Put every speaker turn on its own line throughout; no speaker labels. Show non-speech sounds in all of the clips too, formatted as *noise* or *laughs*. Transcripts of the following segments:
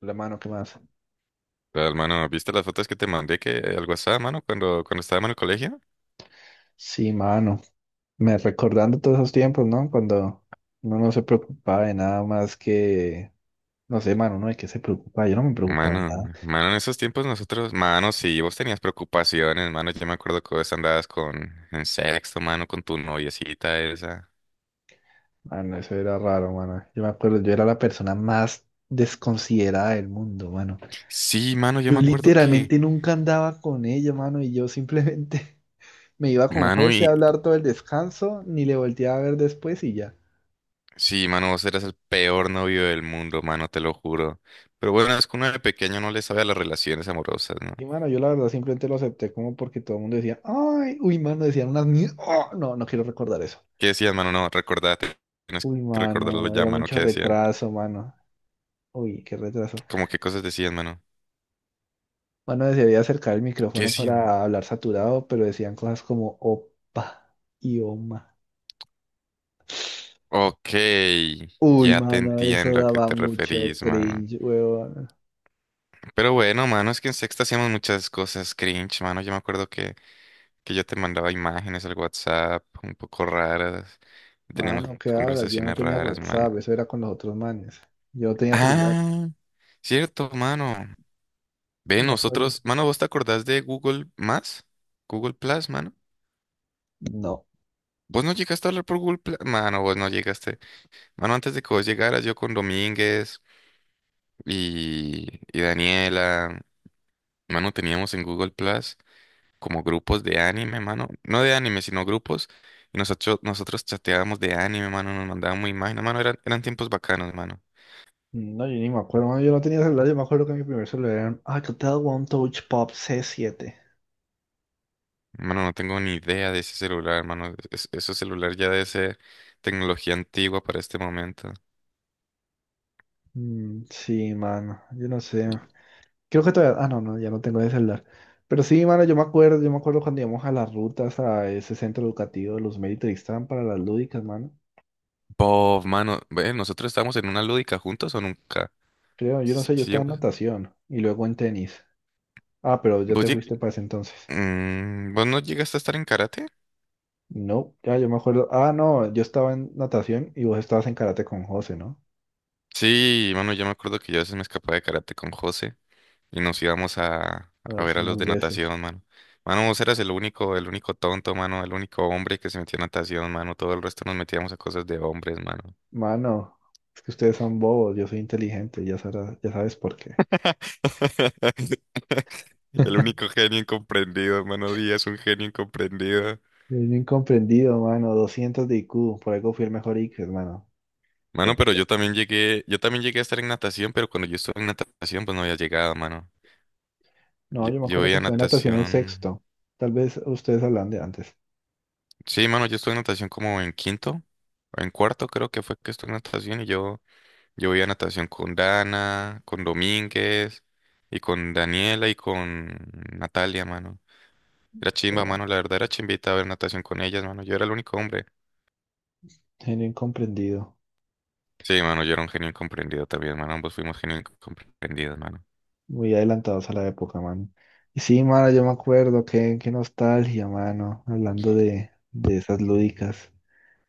La mano, ¿qué más?
Real, mano, ¿viste las fotos que te mandé que al WhatsApp, mano, cuando estábamos en el colegio?
Sí, mano. Me recordando todos esos tiempos, ¿no? Cuando uno no se preocupaba de nada más que, no sé, mano, ¿no? ¿De qué se preocupaba? Yo no me preocupaba de
Mano,
nada.
mano, en esos tiempos nosotros, mano, sí, vos tenías preocupaciones, mano, yo me acuerdo que vos andabas con, en sexto, mano, con tu noviecita esa.
Mano, eso era raro, mano. Yo me acuerdo, yo era la persona más desconsiderada del mundo, mano.
Sí, mano, yo
Yo
me acuerdo que,
literalmente nunca andaba con ella, mano, y yo simplemente *laughs* me iba con
mano,
José a
y,
hablar todo el descanso, ni le volteaba a ver después y ya.
sí, mano, vos eras el peor novio del mundo, mano, te lo juro. Pero bueno, es que uno de pequeño no le sabe a las relaciones amorosas, ¿no?
Y mano, yo la verdad simplemente lo acepté como porque todo el mundo decía, ay, uy, mano, decían unas mierdas. No, no quiero recordar eso.
¿Qué decías, mano? No, recordate, tienes
Uy,
que recordarlo
mano, era
ya,
yo
mano,
mucho
¿qué
también.
decían?
Retraso, mano. Uy, qué retraso.
¿Cómo qué cosas decían, mano?
Mano, desearía acercar el
¿Qué
micrófono
decían?
para hablar saturado, pero decían cosas como opa y oma.
Ok,
Uy,
ya te
mano, eso
entiendo a qué
daba
te
mucho
referís, mano.
cringe, huevón.
Pero bueno, mano, es que en sexta hacíamos muchas cosas cringe, mano. Yo me acuerdo que yo te mandaba imágenes al WhatsApp un poco raras. Teníamos
Mano, ¿qué hablas? Yo no
conversaciones
tenía
raras, mano.
WhatsApp, eso era con los otros manes. Yo no tenía celular,
Ah, cierto, mano. Ve,
me acuerdo.
nosotros, mano, ¿vos te acordás de Google Más? Google Plus, mano.
No.
¿Vos no llegaste a hablar por Google Plus? Mano, vos no llegaste. Mano, antes de que vos llegaras, yo con Domínguez y Daniela. Mano, teníamos en Google Plus como grupos de anime, mano. No de anime, sino grupos. Y nosotros chateábamos de anime, mano. Nos mandábamos imágenes, mano. Eran tiempos bacanos, mano.
No, yo ni me acuerdo, mano. Yo no tenía celular, yo me acuerdo que mi primer celular era un Alcatel One Touch Pop C7.
Mano, no tengo ni idea de ese celular, mano. Ese celular ya debe ser tecnología antigua para este momento.
Sí, mano, yo no sé. Creo que todavía... Ah, no, ya no tengo ese celular. Pero sí, mano, yo me acuerdo cuando íbamos a las rutas a ese centro educativo de los Méritos estaban para las lúdicas, mano.
Bob, mano. Ve, ¿nosotros estábamos en una lúdica juntos o nunca?
Creo, yo no
Sí,
sé, yo
sí,
estaba en
vos,
natación y luego en tenis. Ah, pero ya
vos
te
lleg-
fuiste para ese entonces.
¿vos no llegaste a estar en karate?
No, ya yo me acuerdo. Ah, no, yo estaba en natación y vos estabas en karate con José, ¿no?
Sí, mano, yo me acuerdo que yo a veces me escapaba de karate con José, y nos íbamos
A
a
darse
ver a los
unos
de
besos.
natación, mano. Mano, vos eras el único tonto, mano, el único hombre que se metía a natación, mano. Todo el resto nos metíamos a cosas de hombres, mano.
Mano, es que ustedes son bobos, yo soy inteligente, ya sabes por qué.
*laughs* El
*laughs*
único genio incomprendido, mano Díaz, un genio incomprendido.
Soy un incomprendido, mano, 200 de IQ, por algo fui el mejor IQ, mano.
Mano,
El-
pero yo también llegué a estar en natación, pero cuando yo estuve en natación, pues no había llegado, mano.
No,
Yo,
yo me
yo
acuerdo que
veía
usted en natación en
natación.
sexto, tal vez ustedes hablan de antes.
Sí, mano, yo estuve en natación como en quinto o en cuarto, creo que fue que estuve en natación y yo. Yo voy a natación con Dana, con Domínguez y con Daniela y con Natalia, mano. Era chimba,
Eh,
mano, la verdad era chimbita ver natación con ellas, mano. Yo era el único hombre.
Soy un incomprendido,
Sí, mano, yo era un genio incomprendido también, mano. Ambos fuimos genios incomprendidos, mano.
muy adelantados a la época, mano. Y sí, mano, yo me acuerdo, qué nostalgia, mano, hablando de esas lúdicas.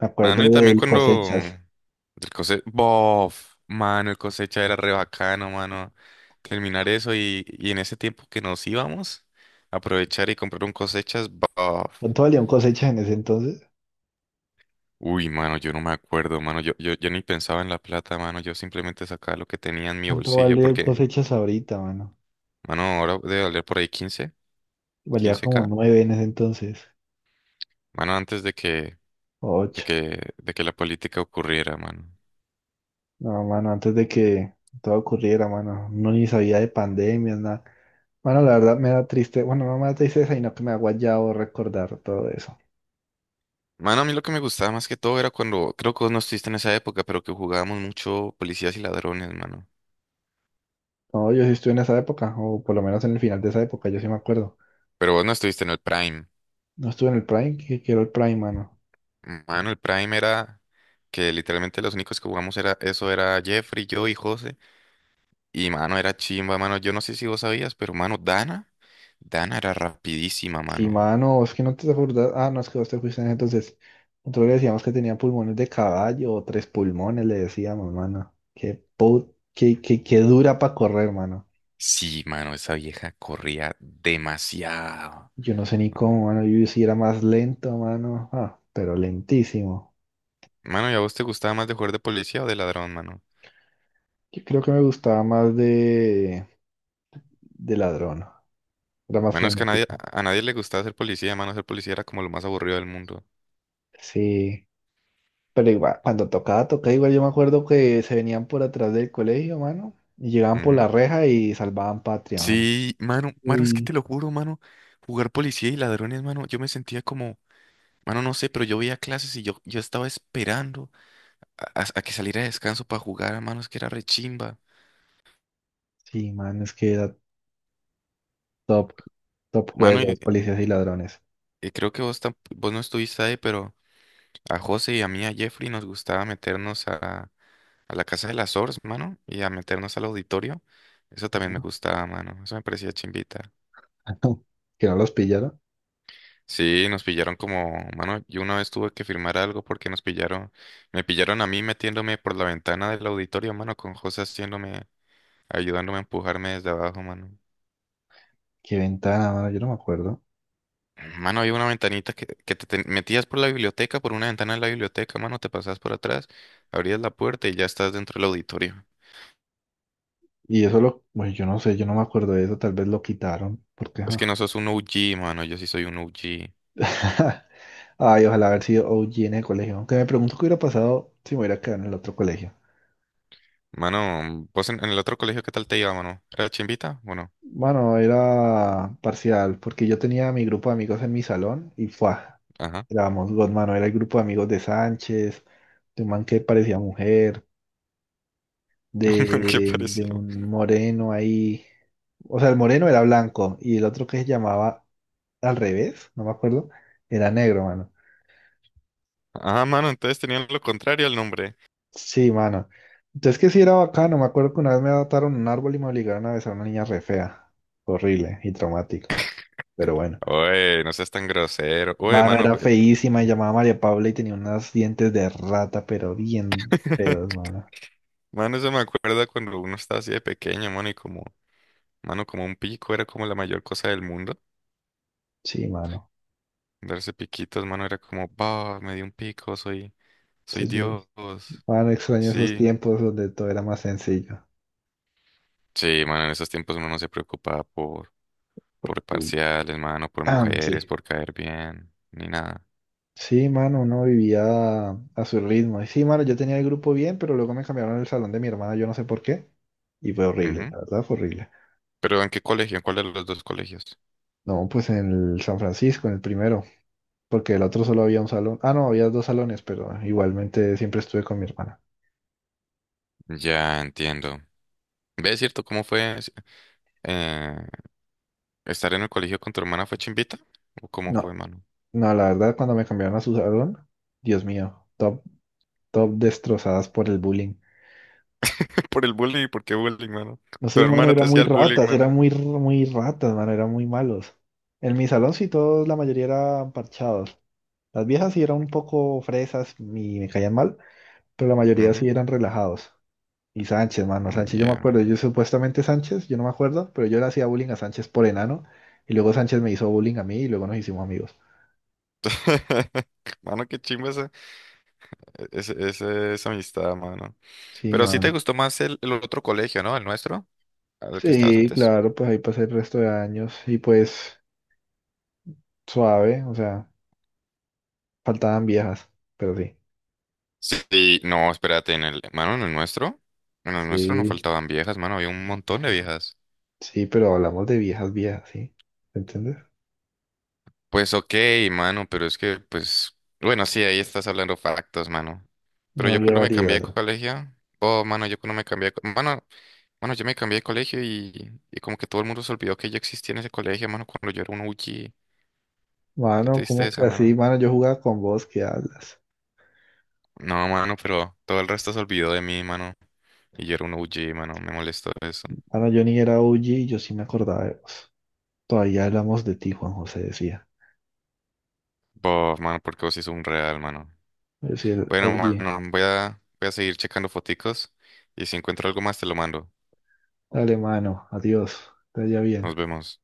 Me acuerdo
Mano, y también
del
cuando
cosechas.
el cose bof, mano, el cosecha era re bacano, mano. Terminar eso y en ese tiempo que nos íbamos, aprovechar y comprar un cosechas, bof.
¿Cuánto valía un cosechas en ese entonces?
Uy, mano, yo no me acuerdo, mano. Yo ni pensaba en la plata, mano. Yo simplemente sacaba lo que tenía en mi
¿Cuánto
bolsillo
vale
porque,
cosechas ahorita, mano?
mano, ahora debe valer por ahí 15,
Valía como
15K.
nueve en ese entonces,
Mano, antes de que,
o
de
ocho.
que, de que la política ocurriera, mano.
No, mano, antes de que todo ocurriera, mano, no ni sabía de pandemias, nada. Mano, la verdad me da triste, bueno, no me da tristeza, sino que me ha guayado recordar todo eso.
Mano, a mí lo que me gustaba más que todo era cuando, creo que vos no estuviste en esa época, pero que jugábamos mucho policías y ladrones, mano.
No, yo sí estuve en esa época, o por lo menos en el final de esa época, yo sí me acuerdo.
Pero vos no estuviste en el Prime.
No estuve en el Prime, que quiero el Prime, mano.
Mano, el Prime era que literalmente los únicos que jugamos era, eso era Jeffrey, yo y José. Y, mano, era chimba, mano. Yo no sé si vos sabías, pero, mano, Dana. Dana era rapidísima,
Sí,
mano.
mano, es que no te acordás. Ah, no, es que vos te fuiste en ese entonces. Nosotros le decíamos que tenía pulmones de caballo, o tres pulmones, le decíamos, mano. Qué, put, qué dura para correr, mano.
Sí, mano, esa vieja corría demasiado.
Yo no sé ni cómo, mano. Yo sí era más lento, mano. Ah, pero lentísimo.
Mano, ¿y a vos te gustaba más de jugar de policía o de ladrón, mano?
Yo creo que me gustaba más de ladrón. Era más
Bueno, es que
frenético.
a nadie le gustaba ser policía, mano. Ser policía era como lo más aburrido del mundo.
Sí. Pero igual, cuando tocaba, tocaba igual. Yo me acuerdo que se venían por atrás del colegio, mano. Y llegaban por
Ujú.
la reja y salvaban patria, mano.
Sí, mano, mano, es que te
Uy.
lo juro, mano. Jugar policía y ladrones, mano, yo me sentía como, mano, no sé, pero yo veía clases y yo estaba esperando a, a que saliera de descanso para jugar, mano, es que era rechimba.
Sí, mano, es que era top. Top
Mano,
juegos, policías y ladrones.
y creo que vos, vos no estuviste ahí, pero... A José y a mí, a Jeffrey, nos gustaba meternos a la casa de las Ors, mano, y a meternos al auditorio. Eso también me
Ajá.
gustaba, mano. Eso me parecía chimbita.
*laughs* Que no los pillaron.
Sí, nos pillaron como, mano, yo una vez tuve que firmar algo porque nos pillaron, me pillaron a mí metiéndome por la ventana del auditorio, mano, con José haciéndome, ayudándome a empujarme desde abajo, mano.
Qué ventana, mano. Yo no me acuerdo.
Mano, había una ventanita que te metías por la biblioteca, por una ventana de la biblioteca, mano, te pasabas por atrás, abrías la puerta y ya estás dentro del auditorio.
Y eso lo, bueno, yo no sé, yo no me acuerdo de eso, tal vez lo quitaron, porque
Es que
ajá.
no sos un OG, mano. Yo sí soy un OG.
*laughs* Ay, ojalá haber sido OG en el colegio. Aunque me pregunto qué hubiera pasado si me hubiera quedado en el otro colegio.
Mano, vos en el otro colegio, ¿qué tal te iba, mano? ¿Era chimbita? Bueno,
Bueno, era parcial, porque yo tenía mi grupo de amigos en mi salón y fue,
ajá.
éramos dos, mano, era el grupo de amigos de Sánchez, de un man que parecía mujer,
*laughs* Man, ¿qué
de
pareció?
un moreno ahí. O sea, el moreno era blanco y el otro que se llamaba al revés, no me acuerdo, era negro, mano.
Ah, mano, entonces tenían lo contrario al nombre.
Sí, mano. Entonces que sí era bacano. Me acuerdo que una vez me adaptaron un árbol y me obligaron a besar a una niña re fea. Horrible y traumático. Pero bueno.
Oye, no seas tan grosero. Oye,
Mano,
mano,
era
pues.
feísima y llamaba María Paula y tenía unos dientes de rata, pero bien feos,
*laughs*
mano.
Mano, eso me acuerda cuando uno estaba así de pequeño, mano, y como, mano, como un pico era como la mayor cosa del mundo.
Sí, mano.
Darse piquitos, mano, era como, bah, me di un pico, soy, soy
Soy yo.
Dios.
Mano, extraño esos
Sí.
tiempos donde todo era más sencillo.
Sí, mano, en esos tiempos uno no se preocupaba por. Por
Uy.
parciales, mano, por
Ah, sí.
mujeres, por caer bien, ni nada.
Sí, mano, uno vivía a su ritmo. Y sí, mano, yo tenía el grupo bien, pero luego me cambiaron el salón de mi hermana, yo no sé por qué. Y fue horrible,
Ujú.
la verdad fue horrible.
Pero ¿en qué colegio? ¿En cuál de los dos colegios?
No, pues en el San Francisco, en el primero, porque el otro solo había un salón. Ah, no, había dos salones, pero igualmente siempre estuve con mi hermana.
Ya entiendo. ¿Ves cierto cómo fue eh, estar en el colegio con tu hermana fue chimbita? ¿O cómo fue,
No,
mano?
no, la verdad, cuando me cambiaron a su salón, Dios mío, top, top destrozadas por el bullying.
*laughs* Por el bullying, ¿por qué bullying, mano?
No
Tu
sé, mano,
hermana te
eran muy
hacía el bullying,
ratas, eran
mano.
muy, muy ratas, mano, eran muy malos. En mi salón sí todos, la mayoría eran parchados. Las viejas sí eran un poco fresas y me caían mal, pero la mayoría sí
Ujú.
eran relajados. Y Sánchez, mano, Sánchez, yo me
Ya.
acuerdo, yo supuestamente Sánchez, yo no me acuerdo, pero yo le hacía bullying a Sánchez por enano, y luego Sánchez me hizo bullying a mí y luego nos hicimos amigos.
*laughs* Mano, qué chimba esa, esa amistad, mano.
Sí,
Pero sí te
mano.
gustó más el otro colegio, ¿no? El nuestro, al que estabas
Sí,
antes.
claro, pues ahí pasé el resto de años y pues suave, o sea, faltaban viejas, pero sí.
Sí, no, espérate, en el, mano, en el nuestro no
Sí,
faltaban viejas, mano, había un montón de viejas.
sí, pero hablamos de viejas, viejas, ¿sí? ¿Entiendes?
Pues ok, mano, pero es que, pues, bueno, sí, ahí estás hablando factos, mano. Pero
No
yo
había
cuando me cambié de
variedad.
colegio, oh, mano, yo cuando me cambié de, mano, mano, yo me cambié de colegio y como que todo el mundo se olvidó que yo existía en ese colegio, mano, cuando yo era un UG. Qué
Mano, ¿cómo
tristeza,
que así?
mano.
Mano, yo jugaba con vos, ¿qué hablas?
No, mano, pero todo el resto se olvidó de mí, mano, y yo era un UG, mano, me molestó eso.
Mano, yo ni era OG y yo sí me acordaba de vos. Todavía hablamos de ti, Juan José decía.
Bof, mano, porque vos sí sos un real, mano.
Es decir,
Bueno,
oye,
mano, voy a, voy a seguir checando foticos y si encuentro algo más te lo mando.
dale mano, adiós, que te vaya bien.
Nos vemos.